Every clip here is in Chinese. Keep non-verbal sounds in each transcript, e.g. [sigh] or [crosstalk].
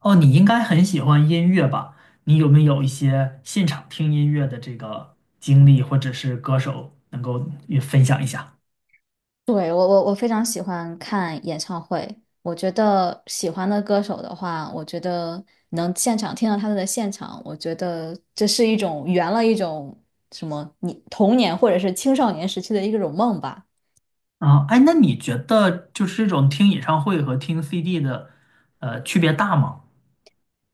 哦，你应该很喜欢音乐吧？你有没有一些现场听音乐的这个经历，或者是歌手能够也分享一下？对，我非常喜欢看演唱会。我觉得喜欢的歌手的话，我觉得能现场听到他们的现场，我觉得这是一种圆了一种什么你童年或者是青少年时期的一种梦吧。啊，哎，那你觉得就是这种听演唱会和听 CD 的，区别大吗？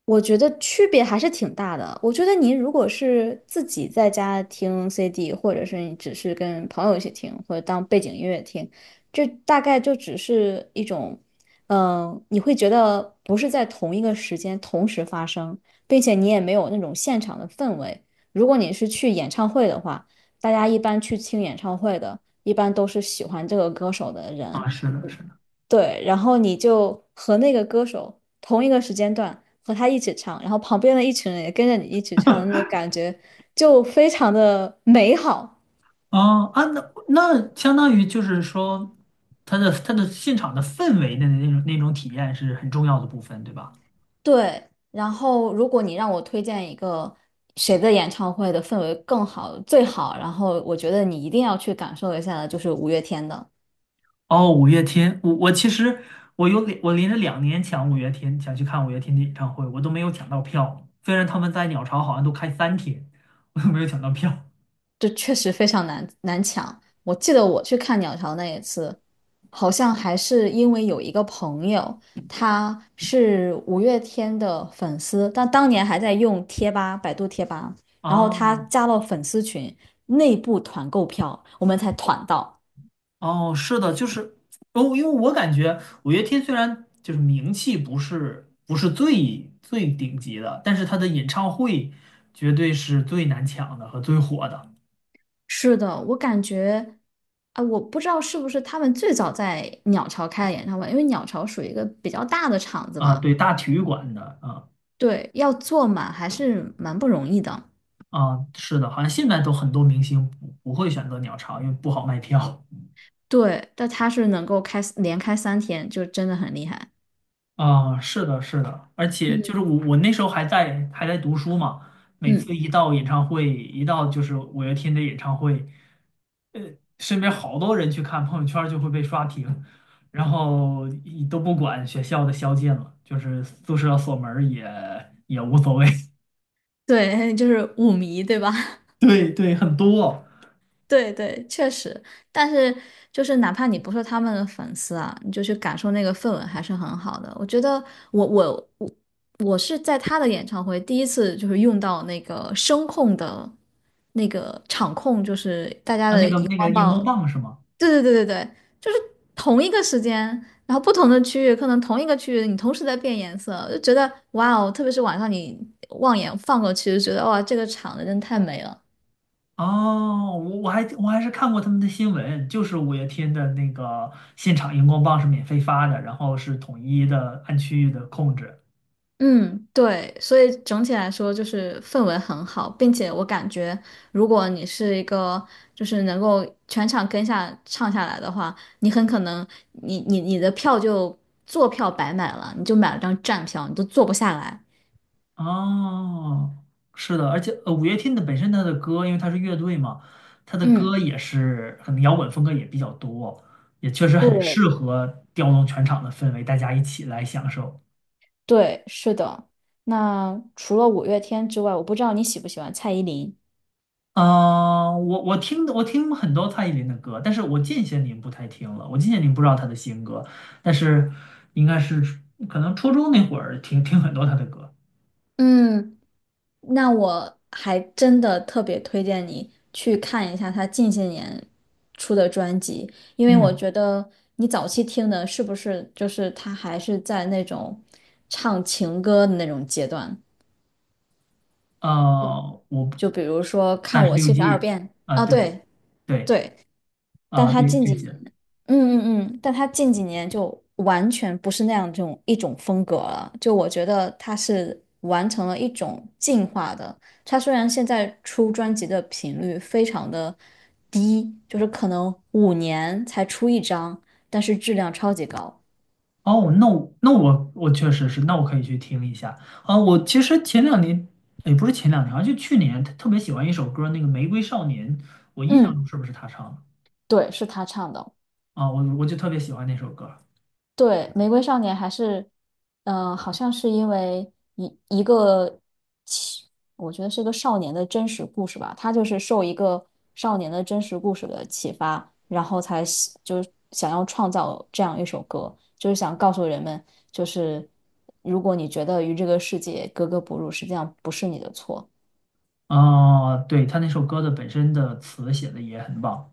我觉得区别还是挺大的。我觉得您如果是自己在家听 CD，或者是你只是跟朋友一起听，或者当背景音乐听，这大概就只是一种，你会觉得不是在同一个时间同时发生，并且你也没有那种现场的氛围。如果你是去演唱会的话，大家一般去听演唱会的，一般都是喜欢这个歌手的啊，人，是的，是的。对，然后你就和那个歌手同一个时间段和他一起唱，然后旁边的一群人也跟着你一起唱，那种感觉就非常的美好。啊啊，那相当于就是说，它的现场的氛围的那种体验是很重要的部分，对吧？对，然后如果你让我推荐一个谁的演唱会的氛围更好、最好，然后我觉得你一定要去感受一下的，就是五月天的。哦，五月天，我其实我连着两年抢五月天，想去看五月天的演唱会，我都没有抢到票。虽然他们在鸟巢好像都开三天，我都没有抢到票。这确实非常难抢。我记得我去看鸟巢那一次，好像还是因为有一个朋友，他是五月天的粉丝，但当年还在用贴吧，百度贴吧，然后啊，他加了粉丝群，内部团购票，我们才团到。哦，是的，就是哦，因为我感觉五月天虽然就是名气不是最最顶级的，但是他的演唱会绝对是最难抢的和最火的。是的，我感觉，啊，我不知道是不是他们最早在鸟巢开的演唱会，因为鸟巢属于一个比较大的场子啊，嘛，对，大体育馆的。啊，对，要坐满还是蛮不容易的。啊，是的，好像现在都很多明星不会选择鸟巢，因为不好卖票。对，但他是能够开连开3天，就真的很厉害。啊，是的，是的，而且就嗯，是我那时候还在读书嘛，每嗯，次一到演唱会，一到就是五月天的演唱会，身边好多人去看，朋友圈儿就会被刷屏，然后一都不管学校的宵禁了，就是宿舍锁门儿也也无所谓。对，[laughs] 就是舞迷，对吧？[laughs] 对对，很多。 [laughs] 对对，确实。但是就是哪怕你不是他们的粉丝啊，你就去感受那个氛围还是很好的。我觉得我我我我是在他的演唱会第一次就是用到那个声控的那个场控，就是大家啊，那的个荧那个光荧光棒。棒是吗？对对对对对，就是同一个时间，然后不同的区域，可能同一个区域你同时在变颜色，就觉得哇哦，特别是晚上你望眼放过去，就觉得哇，这个场子真的太美了。哦，我还是看过他们的新闻，就是五月天的那个现场荧光棒是免费发的，然后是统一的按区域的控制。嗯，对，所以整体来说就是氛围很好，并且我感觉，如果你是一个就是能够全场跟下唱下来的话，你很可能你的票就坐票白买了，你就买了张站票，你都坐不下来。哦，是的，而且五月天的本身他的歌，因为他是乐队嘛，他的歌嗯。也是可能摇滚风格也比较多，也确实很适对，合调动全场的氛围，大家一起来享受。对，是的。那除了五月天之外，我不知道你喜不喜欢蔡依林。啊，我听很多蔡依林的歌，但是我近些年不太听了。我近些年不知道她的新歌，但是应该是可能初中那会儿听很多她的歌。嗯，那我还真的特别推荐你去看一下他近些年出的专辑，因为我嗯，觉得你早期听的是不是就是他还是在那种唱情歌的那种阶段，啊，我就比如说《看三十我六七十二计。变》啊，啊，对。对对对，但啊，他对近这几些。年但他近几年就完全不是那样这种一种风格了。就我觉得他是完成了一种进化的。他虽然现在出专辑的频率非常的低，就是可能5年才出一张，但是质量超级高。哦，那我确实是，那我可以去听一下啊。我其实前两年也不是前两年啊，好像就去年特别喜欢一首歌，那个《玫瑰少年》，我印象中嗯，是不是他唱的？对，是他唱的。啊，我就特别喜欢那首歌。对，《玫瑰少年》还是，好像是因为一个其我觉得是个少年的真实故事吧，他就是受一个少年的真实故事的启发，然后才就是想要创造这样一首歌，就是想告诉人们，就是如果你觉得与这个世界格格不入，实际上不是你的错。哦，对，他那首歌的本身的词写的也很棒。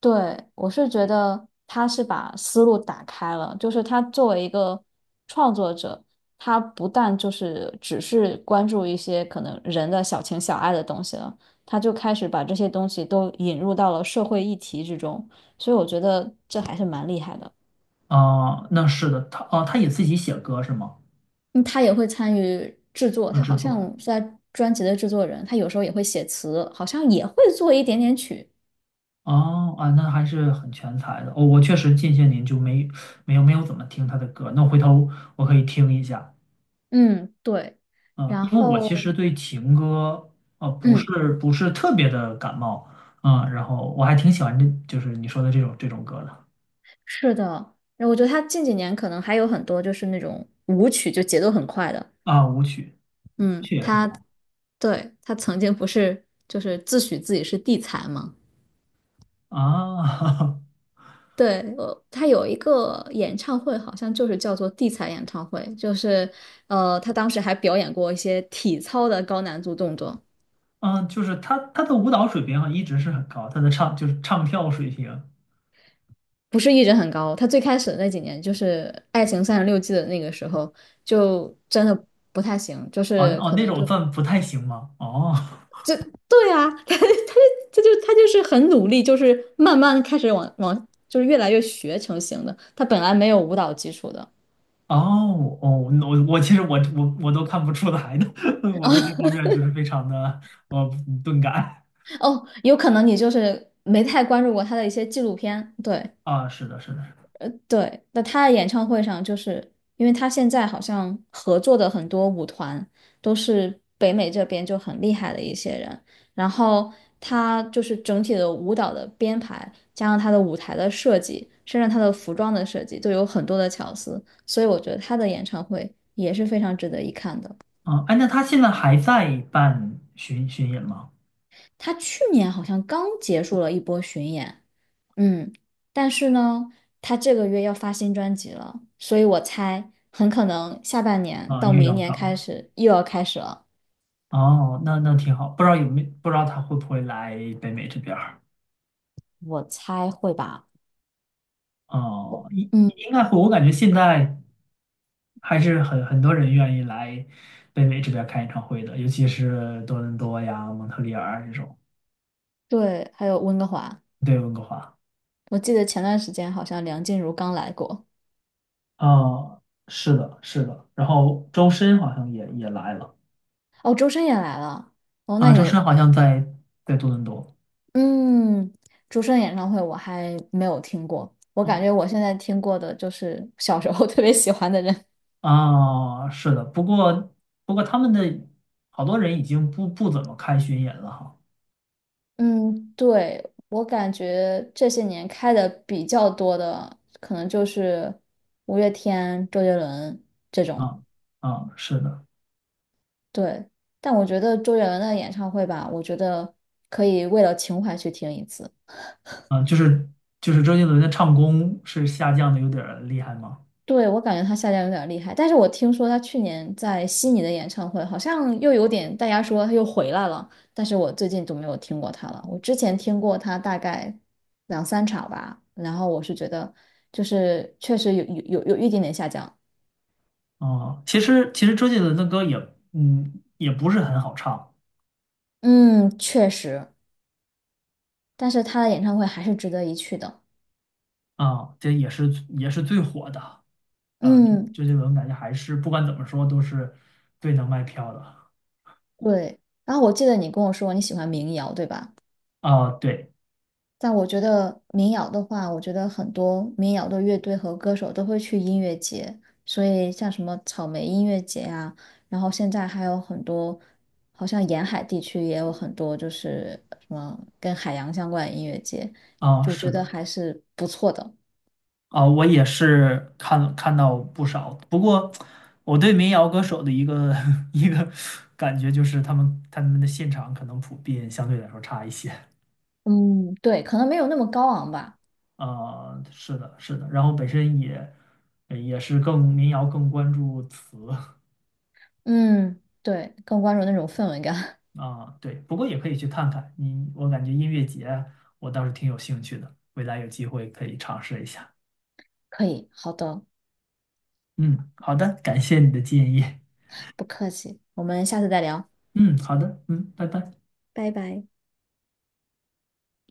对，我是觉得他是把思路打开了，就是他作为一个创作者，他不但就是只是关注一些可能人的小情小爱的东西了，他就开始把这些东西都引入到了社会议题之中，所以我觉得这还是蛮厉害的。哦，那是的，他哦，他也自己写歌是吗？嗯，他也会参与制作，啊，他制好像作。是在专辑的制作人，他有时候也会写词，好像也会做一点点曲。哦啊，那还是很全才的。哦，我确实近些年就没有没有怎么听他的歌，那回头我可以听一下。嗯，对，啊，然因为我后，其实对情歌啊不嗯。是不是特别的感冒，啊，然后我还挺喜欢这就是你说的这种歌的。是的，然后我觉得他近几年可能还有很多就是那种舞曲，就节奏很快的。啊，舞曲，舞嗯，曲也很他棒对，他曾经不是就是自诩自己是地才嘛？啊。[laughs] 对，他有一个演唱会，好像就是叫做地才演唱会，就是他当时还表演过一些体操的高难度动作，嗯，就是他的舞蹈水平啊一直是很高，他的唱就是唱跳水平，不是一直很高。他最开始的那几年，就是《爱情三十六计》的那个时候，就真的不太行，就哦是哦可那能就。种算不太行吗？哦对啊，[laughs] 他他他就他就是很努力，就是慢慢开始往往就是越来越学成型的。他本来没有舞蹈基础的哦,我我其实我我我都看不出来的，[laughs] 我对这方面就是非常的呃钝感。哦，有可能你就是没太关注过他的一些纪录片，对，啊，是的，是的。对，那他的演唱会上，就是因为他现在好像合作的很多舞团都是北美这边就很厉害的一些人，然后他就是整体的舞蹈的编排，加上他的舞台的设计，甚至他的服装的设计，都有很多的巧思，所以我觉得他的演唱会也是非常值得一看的。嗯，哎，那他现在还在办巡演吗？他去年好像刚结束了一波巡演，嗯，但是呢，他这个月要发新专辑了，所以我猜很可能下半年啊，到又明要年开搞。始又要开始了。哦，那那挺好，不知道有没不知道他会不会来北美这边儿？我猜会吧。哦，我应嗯，应该会，我感觉现在。还是很很多人愿意来北美这边开演唱会的，尤其是多伦多呀、蒙特利尔这种。对，还有温哥华，对，温哥华。我记得前段时间好像梁静茹刚来过，啊，是的，是的。然后周深好像也也来了。哦，周深也来了，哦，那啊，你周有，深好像在在多伦多。嗯，周深演唱会我还没有听过，我感哦，觉我现在听过的就是小时候特别喜欢的人。啊，是的。不过不过他们的好多人已经不怎么看巡演了哈。嗯，对，我感觉这些年开的比较多的，可能就是五月天、周杰伦这种。啊啊，是的。对，但我觉得周杰伦的演唱会吧，我觉得可以为了情怀去听一次。啊，就是周杰伦的唱功是下降的有点儿厉害吗？对，我感觉他下降有点厉害，但是我听说他去年在悉尼的演唱会好像又有点，大家说他又回来了，但是我最近都没有听过他了。我之前听过他大概两三场吧，然后我是觉得就是确实有一点点下降，哦，其实周杰伦的歌也，嗯，也不是很好唱。嗯，确实，但是他的演唱会还是值得一去的，啊，这也是也是最火的啊。嗯，周杰伦感觉还是不管怎么说都是最能卖票的对。然后我记得你跟我说你喜欢民谣，对吧？啊。对但我觉得民谣的话，我觉得很多民谣的乐队和歌手都会去音乐节，所以像什么草莓音乐节啊，然后现在还有很多，好像沿海地区也有很多，就是什么跟海洋相关的音乐节，啊，就是觉得的。还是不错的。啊，我也是看看到不少。不过我对民谣歌手的一个 [laughs] 一个感觉就是他们的现场可能普遍相对来说差一些。嗯，对，可能没有那么高昂吧。啊。是的，是的。然后本身也也是更民谣更关注词。[laughs] 嗯，对，更关注那种氛围感。啊，对，不过也可以去看看你，我感觉音乐节我倒是挺有兴趣的，未来有机会可以尝试一下。[laughs] 可以，好的，嗯，好的，感谢你的建议。不客气，我们下次再聊，嗯，好的，嗯，拜拜。拜拜。